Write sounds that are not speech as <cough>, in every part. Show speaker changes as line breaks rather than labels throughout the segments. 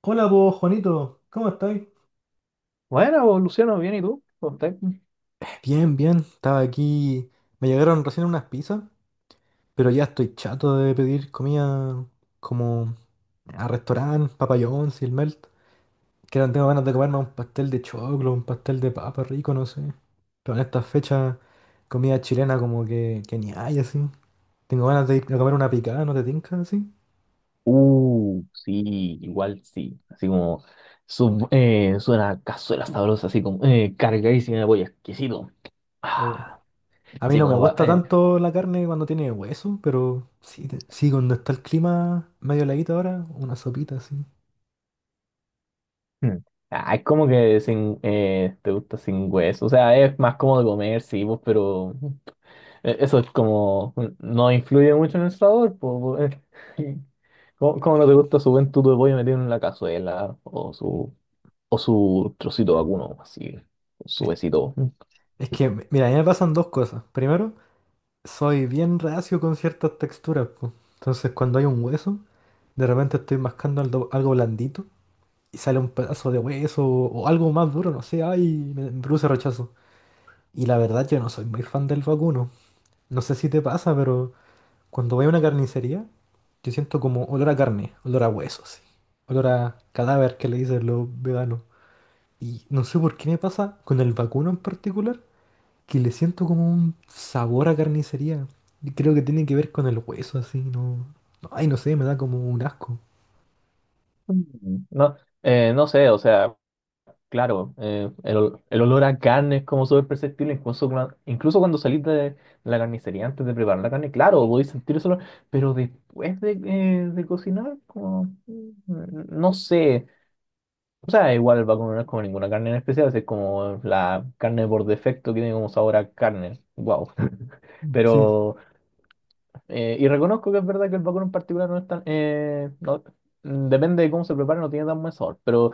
Hola vos, Juanito, ¿cómo estáis?
Bueno, pues, Luciano, bien, ¿y tú? ¿Cómo estás?
Bien, bien, estaba aquí. Me llegaron recién unas pizzas, pero ya estoy chato de pedir comida como a restaurante, Papa y el Melt. Que ahora tengo ganas de comerme un pastel de choclo, un pastel de papa rico, no sé. Pero en estas fechas, comida chilena como que ni hay así. Tengo ganas de ir a comer una picada, ¿no te tinca así?
Sí, igual sí. Así como suena a cazuela sabrosa, así como cargadísima de pollo, exquisito.
O,
Ah,
a mí
así
no me
como va.
gusta tanto la carne cuando tiene hueso, pero sí, sí, cuando está el clima medio heladito ahora, una sopita así.
Mm. Ah, es como que sin, te gusta sin hueso. O sea, es más cómodo comer, sí, pues, pero eso es como. No influye mucho en el sabor, pues, eh. <laughs> ¿Cómo no te gusta su buen tuto de pollo metido en la cazuela o su. O su trocito vacuno, así, con su besito.
Es que, mira, a mí me pasan dos cosas. Primero, soy bien reacio con ciertas texturas, po. Entonces, cuando hay un hueso, de repente estoy mascando algo, algo blandito y sale un pedazo de hueso o algo más duro, no sé, ay, me produce rechazo. Y la verdad, yo no soy muy fan del vacuno. No sé si te pasa, pero cuando voy a una carnicería, yo siento como olor a carne, olor a hueso, sí. Olor a cadáver que le dicen los veganos. Y no sé por qué me pasa con el vacuno en particular, que le siento como un sabor a carnicería. Y creo que tiene que ver con el hueso, así, no. No, ay, no sé, me da como un asco.
Mm. No, no sé, o sea, claro, el olor a carne es como súper perceptible, incluso, incluso cuando salís de la carnicería antes de preparar la carne, claro, podéis sentir ese olor, pero después de cocinar, como, mm, no sé. O sea, igual vacuno no es como ninguna carne en especial, es como la carne por defecto que tiene como sabor a carne. Wow. <laughs>
Sí.
Pero. Y reconozco que es verdad que el vacuno en particular no es tan... depende de cómo se prepare, no tiene tan buen sabor, pero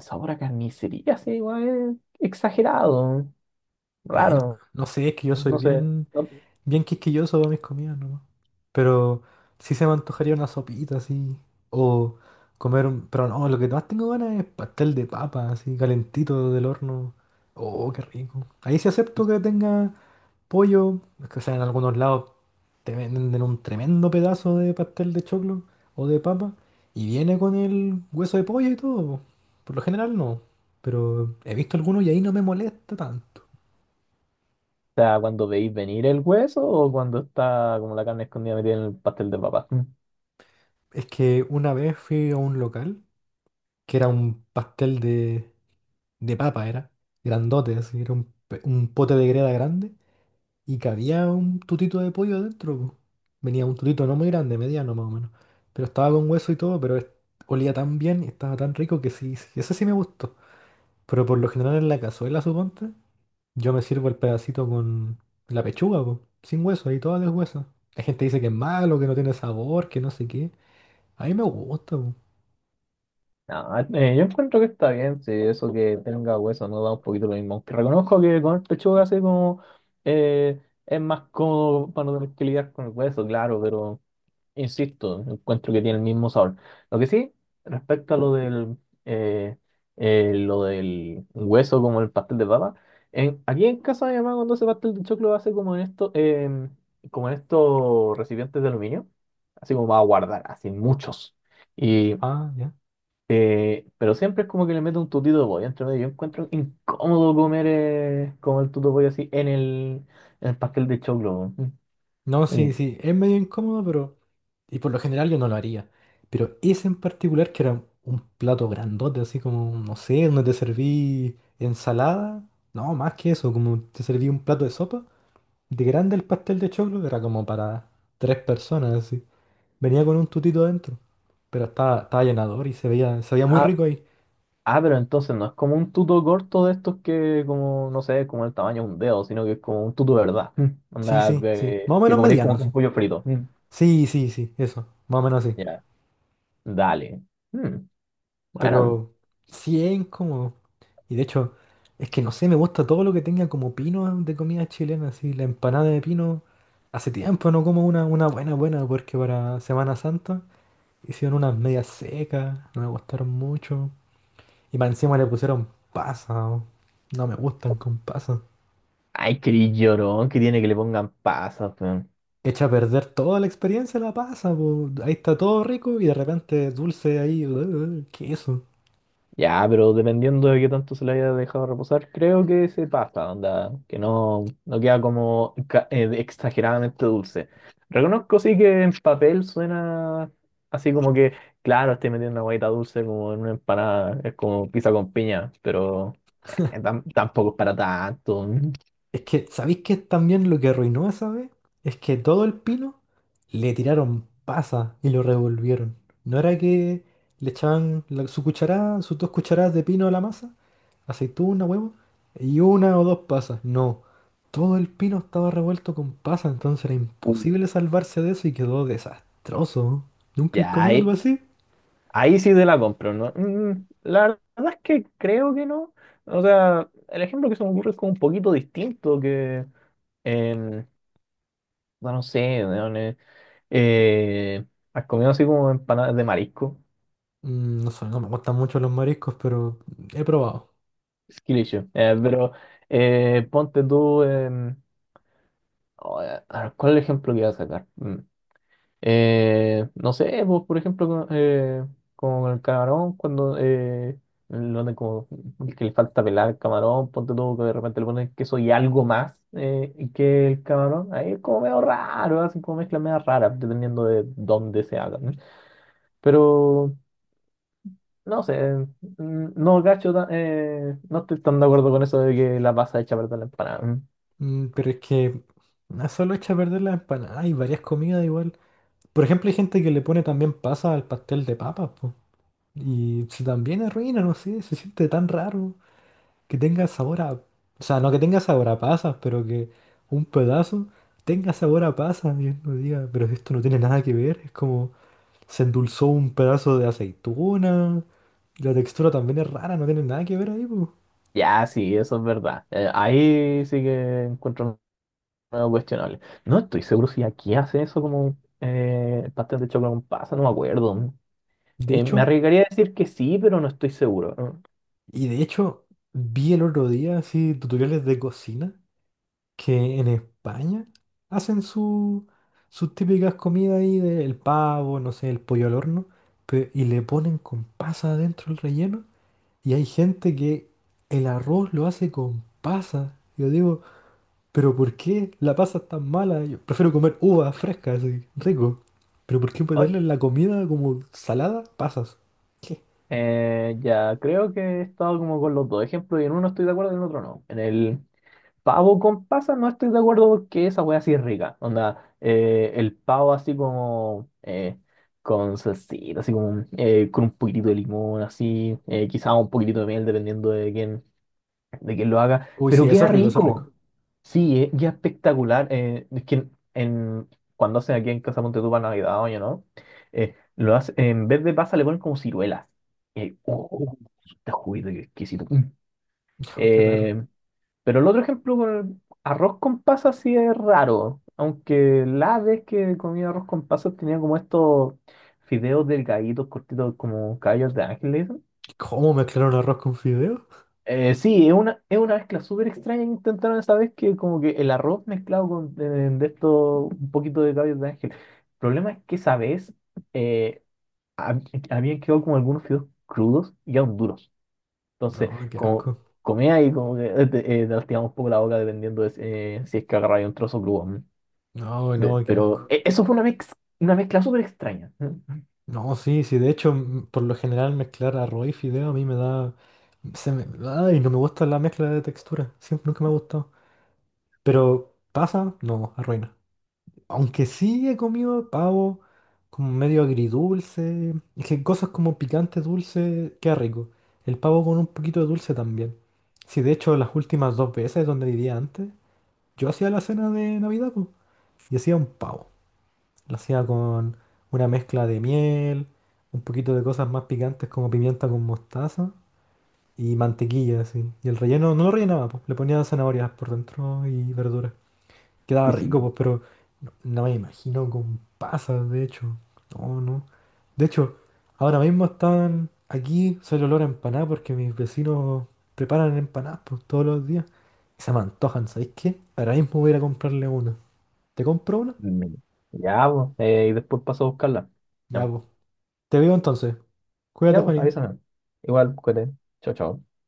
sabor a carnicería, sí, igual es exagerado,
Y ahí no,
raro,
no sé, es que yo soy
no sé. ¿No?
bien quisquilloso para mis comidas, ¿no? Pero sí se me antojaría una sopita así. O comer un. Pero no, lo que más tengo ganas es pastel de papa, así, calentito del horno. Oh, qué rico. Ahí sí acepto que tenga pollo. Es que, o sea, en algunos lados te venden un tremendo pedazo de pastel de choclo o de papa y viene con el hueso de pollo y todo, po. Por lo general no, pero he visto algunos y ahí no me molesta tanto.
Quizá cuando veis venir el hueso o cuando está como la carne escondida metida en el pastel de papa. Mm.
Es que una vez fui a un local que era un pastel de papa, era grandote, así, era un, un pote de greda grande y cabía un tutito de pollo dentro, po. Venía un tutito no muy grande, mediano más o menos, pero estaba con hueso y todo, pero olía tan bien y estaba tan rico que sí, sí, ese sí me gustó. Pero por lo general en la cazuela, suponte, yo me sirvo el pedacito con la pechuga, po, sin hueso, ahí toda deshuesa. La gente dice que es malo, que no tiene sabor, que no sé qué. A mí me gusta, po.
No, yo encuentro que está bien, sí, eso que tenga hueso no da un poquito lo mismo. Aunque reconozco que con el pechuga así como eh, es más cómodo para no tener que lidiar con el hueso, claro, pero... Insisto, encuentro que tiene el mismo sabor. Lo que sí, respecto a eh, lo del hueso como el pastel de papa, aquí en casa mi mamá cuando hace pastel de choclo hace como en esto, como en estos recipientes de aluminio, así como va a guardar, así muchos. Y,
Ah, ya.
pero siempre es como que le mete un tutito de pollo entre medio. Yo encuentro incómodo comer como el tuto de pollo así en el pastel de choclo.
No,
Mm.
sí, sí, es medio incómodo, pero... Y por lo general yo no lo haría. Pero ese en particular, que era un plato grandote, así como, no sé, donde te serví ensalada. No, más que eso, como te serví un plato de sopa. De grande el pastel de choclo, era como para tres personas, así. Venía con un tutito adentro. Pero estaba llenador y se veía muy
Ah,
rico ahí.
Ah, pero entonces no es como un tuto corto de estos que, como, no sé, como el tamaño de un dedo, sino que es como un tuto de verdad. <laughs> Mm.
Sí,
Onda,
sí, sí.
que,
Más o
que
menos
comeréis
mediano,
como con
así.
pollo frito. Mm.
Sí, sí, sí, eso. Más o menos así.
Ya, dale. Mm, bueno,
Pero 100 como... Y de hecho, es que no sé, me gusta todo lo que tenga como pino de comida chilena, así. La empanada de pino. Hace tiempo no como una buena, buena, porque para Semana Santa hicieron unas medias secas, no me gustaron mucho. Y para encima le pusieron pasas. Oh. No me gustan con pasas.
ay, qué llorón que tiene que le pongan pasas.
Echa a perder toda la experiencia la pasa, po. Ahí está todo rico y de repente dulce ahí, ¿qué es eso?
Ya, pero dependiendo de qué tanto se le haya dejado reposar, creo que se pasa, onda, que no, no queda como exageradamente dulce. Reconozco sí que en papel suena así como que, claro, estoy metiendo una guaita dulce como en una empanada, es como pizza con piña, pero tampoco es para tanto.
Es que, ¿sabéis qué es también lo que arruinó esa vez? Es que todo el pino le tiraron pasa y lo revolvieron. No era que le echaban su cucharada, sus dos cucharadas de pino a la masa, aceituna, huevo, y una o dos pasas. No, todo el pino estaba revuelto con pasa, entonces era
Mm.
imposible salvarse de eso y quedó desastroso. ¿Nunca he
Ya,
comido algo
ahí,
así?
ahí sí te la compro, ¿no? Mm, la verdad es que creo que no. O sea, el ejemplo que se me ocurre es como un poquito distinto que... No, no sé, weón, eh, has comido así como empanadas de marisco,
Mm, no sé, no me gustan mucho los mariscos, pero he probado.
es que pero ponte tú, a ver, ¿cuál es el ejemplo que iba a sacar? Mm. No sé, vos, por ejemplo, con el camarón, cuando lo de como que le falta pelar el camarón, ponte tú que de repente le pones queso y algo más y que el camarón, ahí es como medio raro, así como mezcla medio rara, dependiendo de dónde se haga. ¿No? Pero... No sé, mm, no gacho, no estoy tan de acuerdo con eso de que la pasa hecha para la empanada. Mm.
Mm, pero es que no solo echa a perder las empanadas. Hay varias comidas igual. Por ejemplo, hay gente que le pone también pasa al pastel de papas, po. Y se también arruina, no sé, se siente tan raro que tenga sabor a... O sea, no que tenga sabor a pasas, pero que un pedazo tenga sabor a pasas. Y uno diga, pero esto no tiene nada que ver. Es como se endulzó un pedazo de aceituna. La textura también es rara, no tiene nada que ver ahí, po.
Ya, sí, eso es verdad. Ahí sí que encuentro algo cuestionable. No estoy seguro si aquí hace eso como pastel de chocolate con pasa, no me acuerdo.
De
Me
hecho...
arriesgaría a decir que sí, pero no estoy seguro. Mm.
Y de hecho, vi el otro día así tutoriales de cocina que en España hacen sus típicas comidas ahí del pavo, no sé, el pollo al horno, y le ponen con pasa adentro el relleno. Y hay gente que el arroz lo hace con pasa. Yo digo, ¿pero por qué la pasa es tan mala? Yo prefiero comer uvas frescas, así, rico. ¿Pero por qué
Ay,
ponerle en la comida como salada pasas? ¿Qué?
ya, creo que he estado como con los dos ejemplos y en uno estoy de acuerdo y en el otro no. En el pavo con pasa no estoy de acuerdo porque esa wea sí es rica. Onda, el pavo así como con salsita, así como con un poquitito de limón, así, quizá un poquitito de miel dependiendo de quién lo haga.
Uy, sí,
Pero
eso
queda
es rico, eso es
rico.
rico.
Sí, queda espectacular. Es que en, cuando hacen aquí en Casa Monte tú para Navidad, oye, ¿no? En vez de pasa le ponen como ciruelas. Eh, oh, Está juguito, qué exquisito. Mm.
<laughs> Qué raro.
Eh, pero el otro ejemplo con el arroz con pasas sí es raro. Aunque la vez que comí arroz con pasas tenía como estos fideos delgaditos, cortitos, como caballos de ángel, le dicen.
¿Cómo mezclaron arroz con fideo?
Sí, es una mezcla súper extraña que intentaron esa vez que como que el arroz mezclado con de esto, un poquito de caballos de ángel. El problema es que esa vez eh, hab- habían quedado como algunos fideos crudos y aún duros. Entonces,
No, qué
como
asco.
comía y como que te lastimaba un poco la boca dependiendo de si si es que agarraba un trozo crudo. ¿No?
No, no, qué
Pero
asco.
eso fue una una mezcla súper extraña. ¿No?
No, sí, sí, de hecho, por lo general mezclar arroz y fideo a mí me da... Se me, ay, no me gusta la mezcla de textura. Siempre, nunca me ha gustado. Pero pasa, no, arruina. Aunque sí he comido pavo como medio agridulce. Es que cosas como picante dulce, qué rico. El pavo con un poquito de dulce también. Sí, de hecho, las últimas dos veces donde vivía antes, yo hacía la cena de Navidad, pues, y hacía un pavo. Lo hacía con una mezcla de miel, un poquito de cosas más picantes como pimienta con mostaza y mantequilla, así. Y el relleno no lo rellenaba, pues, le ponía zanahorias por dentro y verduras. Quedaba
Y sí,
rico,
pues,
pues, pero no me imagino con pasas, de hecho. No, no. De hecho, ahora mismo están aquí, soy el olor a empanada porque mis vecinos preparan empanadas, pues, todos los días. Y se me antojan, ¿sabéis qué? Ahora mismo voy a ir a comprarle una. ¿Te compro una?
mm, ya, pues, y después paso a buscarla.
Ya,
Ya,
pues. Te veo entonces. Cuídate,
ya, pues,
Juanín.
avísame. Igual, cuídate. Chao, chao.